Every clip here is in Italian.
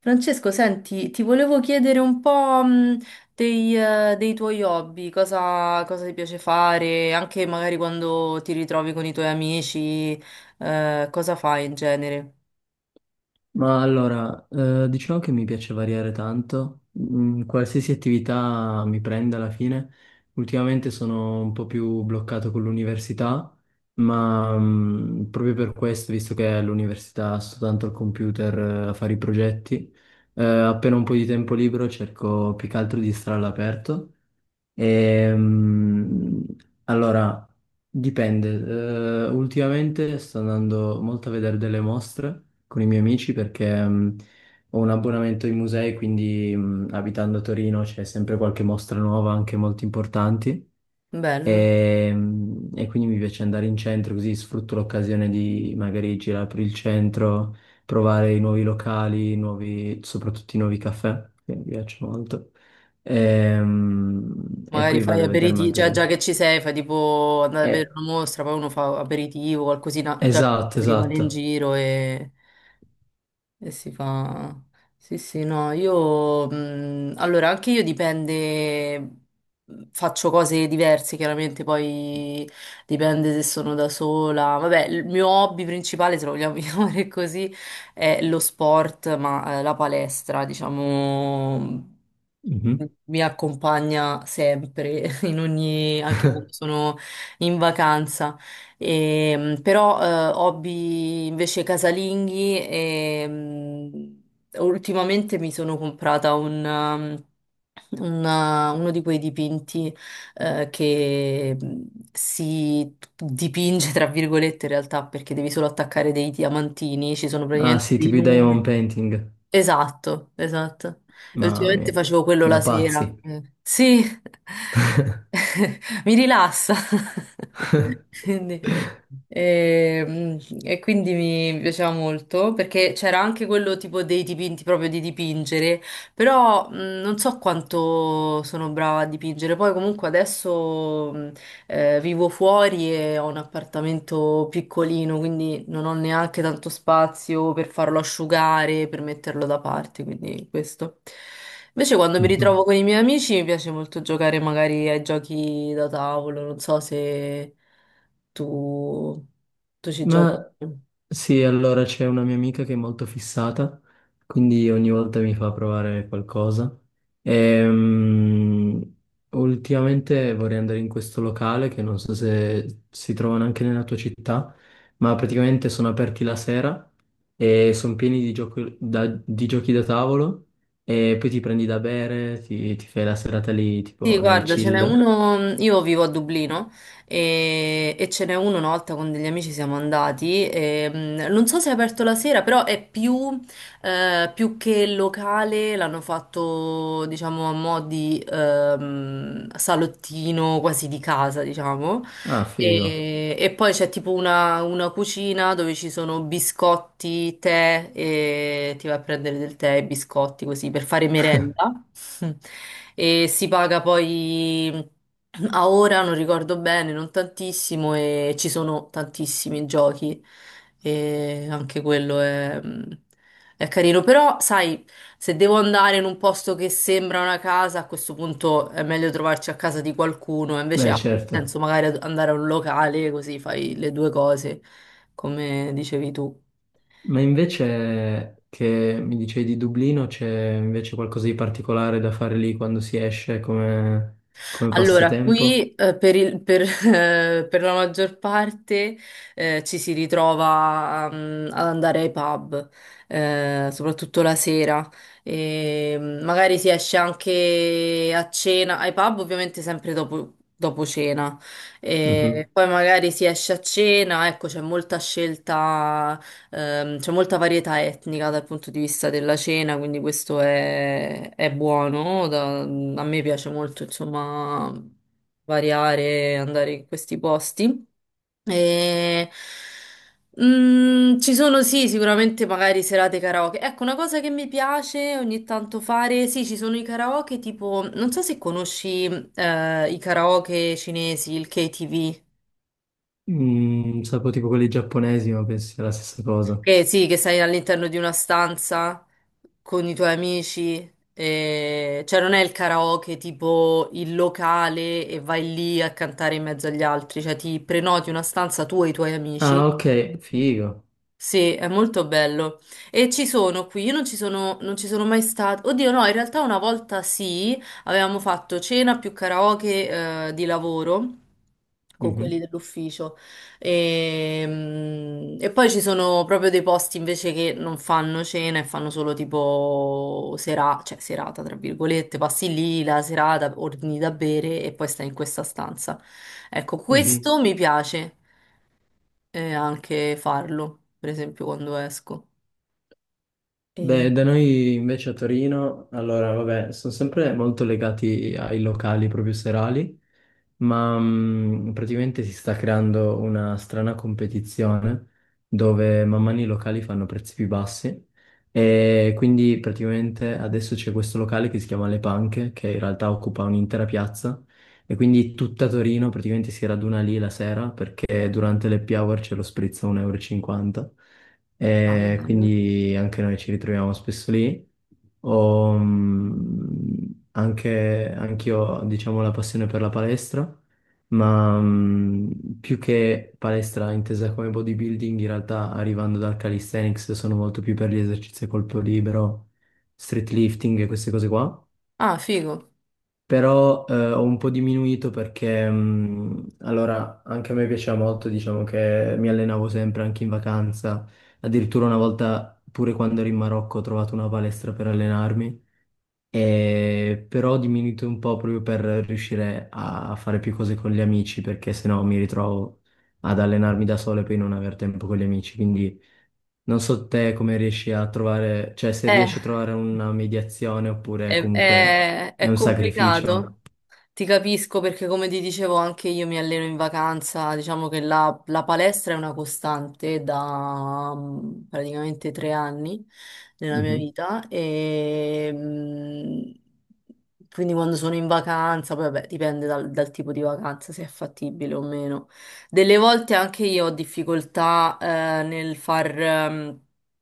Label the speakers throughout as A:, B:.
A: Francesco, senti, ti volevo chiedere un po', dei tuoi hobby, cosa ti piace fare, anche magari quando ti ritrovi con i tuoi amici, cosa fai in genere?
B: Ma allora, diciamo che mi piace variare tanto. Qualsiasi attività mi prende alla fine. Ultimamente sono un po' più bloccato con l'università, ma proprio per questo, visto che all'università sto tanto al computer, a fare i progetti, appena ho un po' di tempo libero cerco più che altro di stare all'aperto. Ehm, allora, dipende. Ultimamente sto andando molto a vedere delle mostre con i miei amici perché ho un abbonamento ai musei, quindi abitando a Torino c'è sempre qualche mostra nuova, anche molto importanti.
A: Bello.
B: E quindi mi piace andare in centro così sfrutto l'occasione di magari girare per il centro, provare i nuovi locali, soprattutto i nuovi caffè, che mi piacciono molto. E
A: Magari
B: poi
A: fai
B: vado a vedere
A: aperitivo, cioè già
B: magari.
A: che ci sei, fai tipo andare a vedere
B: Eh,
A: una mostra, poi uno fa aperitivo, qualcosina, già che
B: esatto,
A: si rimane in
B: esatto.
A: giro e... E si fa... Sì, sì, no, io... allora, anche io dipende... faccio cose diverse, chiaramente, poi dipende se sono da sola. Vabbè, il mio hobby principale, se lo vogliamo chiamare così, è lo sport, ma la palestra, diciamo... mhmm.
B: Mhm.
A: Mi accompagna sempre, in ogni, anche quando sono in vacanza. Però hobby invece casalinghi e ultimamente mi sono comprata un, un, uno di quei dipinti che si dipinge tra virgolette in realtà perché devi solo attaccare dei diamantini, ci sono
B: Ah
A: praticamente
B: sì,
A: dei
B: tipo i
A: numeri.
B: diamond painting.
A: Esatto, esatto. E
B: Mamma
A: ultimamente
B: mia,
A: facevo quello la
B: da pazzi.
A: sera. Eh. Sì. Mi rilassa. Quindi, ehm, mi piaceva molto perché c'era anche quello tipo dei dipinti proprio di dipingere, però non so quanto sono brava a dipingere. Poi comunque adesso vivo fuori e ho un appartamento piccolino, quindi non ho neanche tanto spazio per farlo asciugare, per metterlo da parte, quindi questo. Invece quando mi ritrovo con i miei amici mi piace molto giocare magari ai giochi da tavolo, non so se tu, tu ci giochi.
B: Ma sì, allora c'è una mia amica che è molto fissata, quindi ogni volta mi fa provare qualcosa. Ehm, Ultimamente vorrei andare in questo locale che non so se si trovano anche nella tua città, ma praticamente sono aperti la sera e sono pieni di di giochi da tavolo e poi ti prendi da bere, ti fai la serata lì
A: Sì,
B: tipo nel
A: guarda, ce n'è
B: chill.
A: uno, io vivo a Dublino e ce n'è uno una volta con degli amici siamo andati, e, non so se è aperto la sera, però è più, più che locale, l'hanno fatto diciamo a mo' di salottino quasi di casa, diciamo,
B: Ah, figo.
A: e poi c'è tipo una cucina dove ci sono biscotti, tè e ti vai a prendere del tè e biscotti così per fare merenda. E si paga poi a ora, non ricordo bene, non tantissimo e ci sono tantissimi giochi e anche quello è... È carino, però sai, se devo andare in un posto che sembra una casa, a questo punto è meglio trovarci a casa di qualcuno, invece
B: Beh,
A: ha più
B: certo.
A: senso magari andare a un locale, così fai le due cose, come dicevi tu.
B: Ma invece che mi dicevi di Dublino, c'è invece qualcosa di particolare da fare lì quando si esce come
A: Allora,
B: passatempo?
A: qui per la maggior parte ci si ritrova ad andare ai pub, soprattutto la sera. E, magari si esce anche a cena, ai pub ovviamente sempre dopo, dopo cena.
B: Mhm.
A: E poi magari si esce a cena, ecco, c'è molta scelta. C'è molta varietà etnica dal punto di vista della cena, quindi questo è buono. A me piace molto, insomma, variare, andare in questi posti. E, ci sono sì, sicuramente magari serate karaoke. Ecco, una cosa che mi piace ogni tanto fare, sì, ci sono i karaoke tipo, non so se conosci i karaoke cinesi, il KTV.
B: Sapevo tipo quelli giapponesi, ma penso sia la stessa cosa.
A: Che sì, che sei all'interno di una stanza con i tuoi amici, cioè non è il karaoke tipo il locale e vai lì a cantare in mezzo agli altri, cioè ti prenoti una stanza tu e i tuoi amici.
B: Ah, ok, figo.
A: Sì, è molto bello. E ci sono qui, io non ci sono, non ci sono mai stata. Oddio, no, in realtà una volta sì, avevamo fatto cena più karaoke, di lavoro con quelli
B: Mhm,
A: dell'ufficio. E poi ci sono proprio dei posti invece che non fanno cena e fanno solo tipo sera, cioè serata, tra virgolette, passi lì la serata, ordini da bere e poi stai in questa stanza. Ecco,
B: mhm.
A: questo mi piace e anche farlo, per esempio quando esco. E...
B: Beh, da noi invece a Torino, allora, vabbè, sono sempre molto legati ai locali proprio serali, ma praticamente si sta creando una strana competizione dove man mano i locali fanno prezzi più bassi e quindi praticamente adesso c'è questo locale che si chiama Le Panche, che in realtà occupa un'intera piazza e quindi tutta Torino praticamente si raduna lì la sera perché durante le happy hour c'è lo spritz a 1,50 euro e cinquanta
A: Ah,
B: e
A: bello.
B: quindi anche noi ci ritroviamo spesso lì. Ho, anch'io, diciamo, la passione per la palestra, ma più che palestra intesa come bodybuilding, in realtà arrivando dal calisthenics sono molto più per gli esercizi a colpo libero, street lifting e queste cose qua.
A: Ah, figo.
B: Però ho un po' diminuito perché allora anche a me piaceva molto, diciamo che mi allenavo sempre anche in vacanza, addirittura una volta pure quando ero in Marocco ho trovato una palestra per allenarmi, e però ho diminuito un po' proprio per riuscire a fare più cose con gli amici perché sennò mi ritrovo ad allenarmi da solo e poi non aver tempo con gli amici, quindi non so te come riesci a trovare, cioè se
A: Eh,
B: riesci a trovare una mediazione oppure comunque è
A: è
B: un
A: complicato.
B: sacrificio.
A: Ti capisco perché come ti dicevo anche io mi alleno in vacanza, diciamo che la palestra è una costante da praticamente 3 anni nella mia
B: Mhm.
A: vita e quindi quando sono in vacanza, poi vabbè dipende dal, dal tipo di vacanza se è fattibile o meno. Delle volte anche io ho difficoltà nel far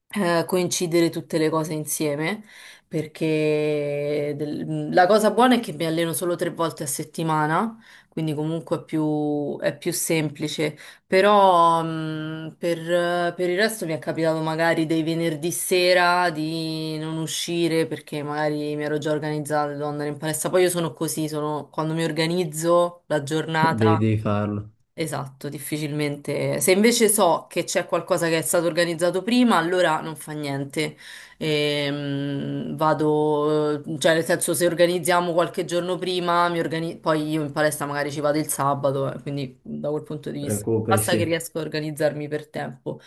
A: coincidere tutte le cose insieme perché la cosa buona è che mi alleno solo 3 volte a settimana, quindi comunque è più semplice, però per il resto mi è capitato magari dei venerdì sera di non uscire perché magari mi ero già organizzata, devo andare in palestra, poi io sono così, sono, quando mi organizzo la
B: Devi,
A: giornata...
B: devi farlo.
A: Esatto, difficilmente. Se invece so che c'è qualcosa che è stato organizzato prima, allora non fa niente. Vado, cioè nel senso se organizziamo qualche giorno prima, poi io in palestra magari ci vado il sabato, quindi da quel punto di vista
B: Recuperi,
A: basta che
B: sì.
A: riesco a organizzarmi per tempo.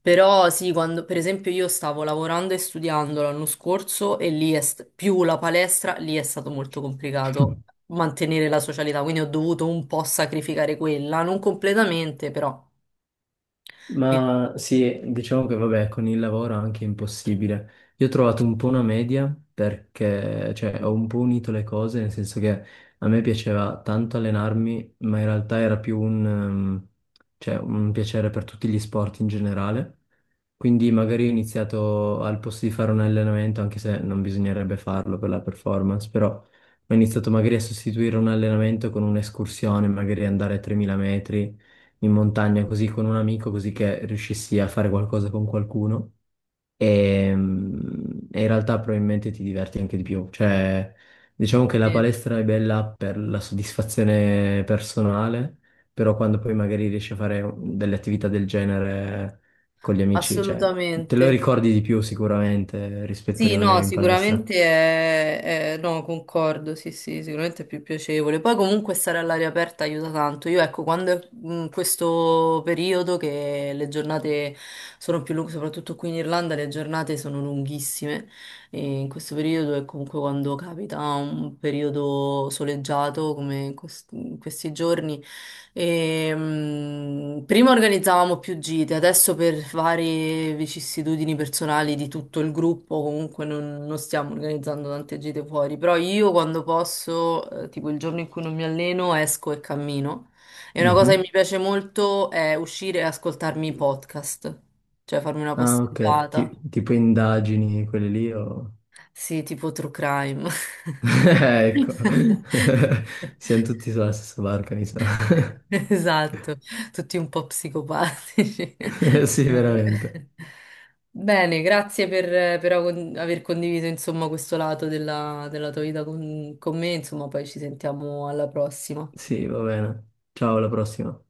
A: Però sì, quando per esempio io stavo lavorando e studiando l'anno scorso e più la palestra, lì è stato molto complicato mantenere la socialità, quindi ho dovuto un po' sacrificare quella, non completamente, però. Sì,
B: Ma sì, diciamo che vabbè, con il lavoro è anche impossibile. Io ho trovato un po' una media perché, cioè, ho un po' unito le cose, nel senso che a me piaceva tanto allenarmi, ma in realtà era più un, cioè, un piacere per tutti gli sport in generale. Quindi magari ho iniziato al posto di fare un allenamento, anche se non bisognerebbe farlo per la performance, però ho iniziato magari a sostituire un allenamento con un'escursione, magari andare a 3.000 metri in montagna così con un amico, così che riuscissi a fare qualcosa con qualcuno. E in realtà probabilmente ti diverti anche di più. Cioè, diciamo che la
A: sì,
B: palestra è bella per la soddisfazione personale, però quando poi magari riesci a fare delle attività del genere con gli amici, cioè, te lo
A: assolutamente.
B: ricordi di più sicuramente rispetto a
A: Sì,
B: rimanere
A: no,
B: in palestra.
A: sicuramente no, concordo, sì, sì, sicuramente è più piacevole. Poi comunque stare all'aria aperta aiuta tanto. Io ecco, quando è questo periodo che le giornate sono più lunghe, soprattutto qui in Irlanda le giornate sono lunghissime e in questo periodo è comunque quando capita un periodo soleggiato come in in questi giorni. Prima organizzavamo più gite, adesso per varie vicissitudini personali di tutto il gruppo, comunque non, non stiamo organizzando tante gite fuori, però io quando posso, tipo il giorno in cui non mi alleno, esco e cammino. E una cosa che
B: Mhm.
A: mi piace molto è uscire e ascoltarmi i podcast, cioè farmi una
B: Ah, ok.
A: passeggiata.
B: Tipo indagini, quelle lì o...
A: Sì, tipo true crime.
B: Ecco, siamo tutti sulla stessa barca, mi sa.
A: Esatto, tutti un po' psicopatici.
B: Sì,
A: Vabbè.
B: veramente.
A: Bene, grazie per, aver condiviso insomma questo lato della, della tua vita con me, insomma poi ci sentiamo alla prossima.
B: Sì, va bene. Ciao, alla prossima.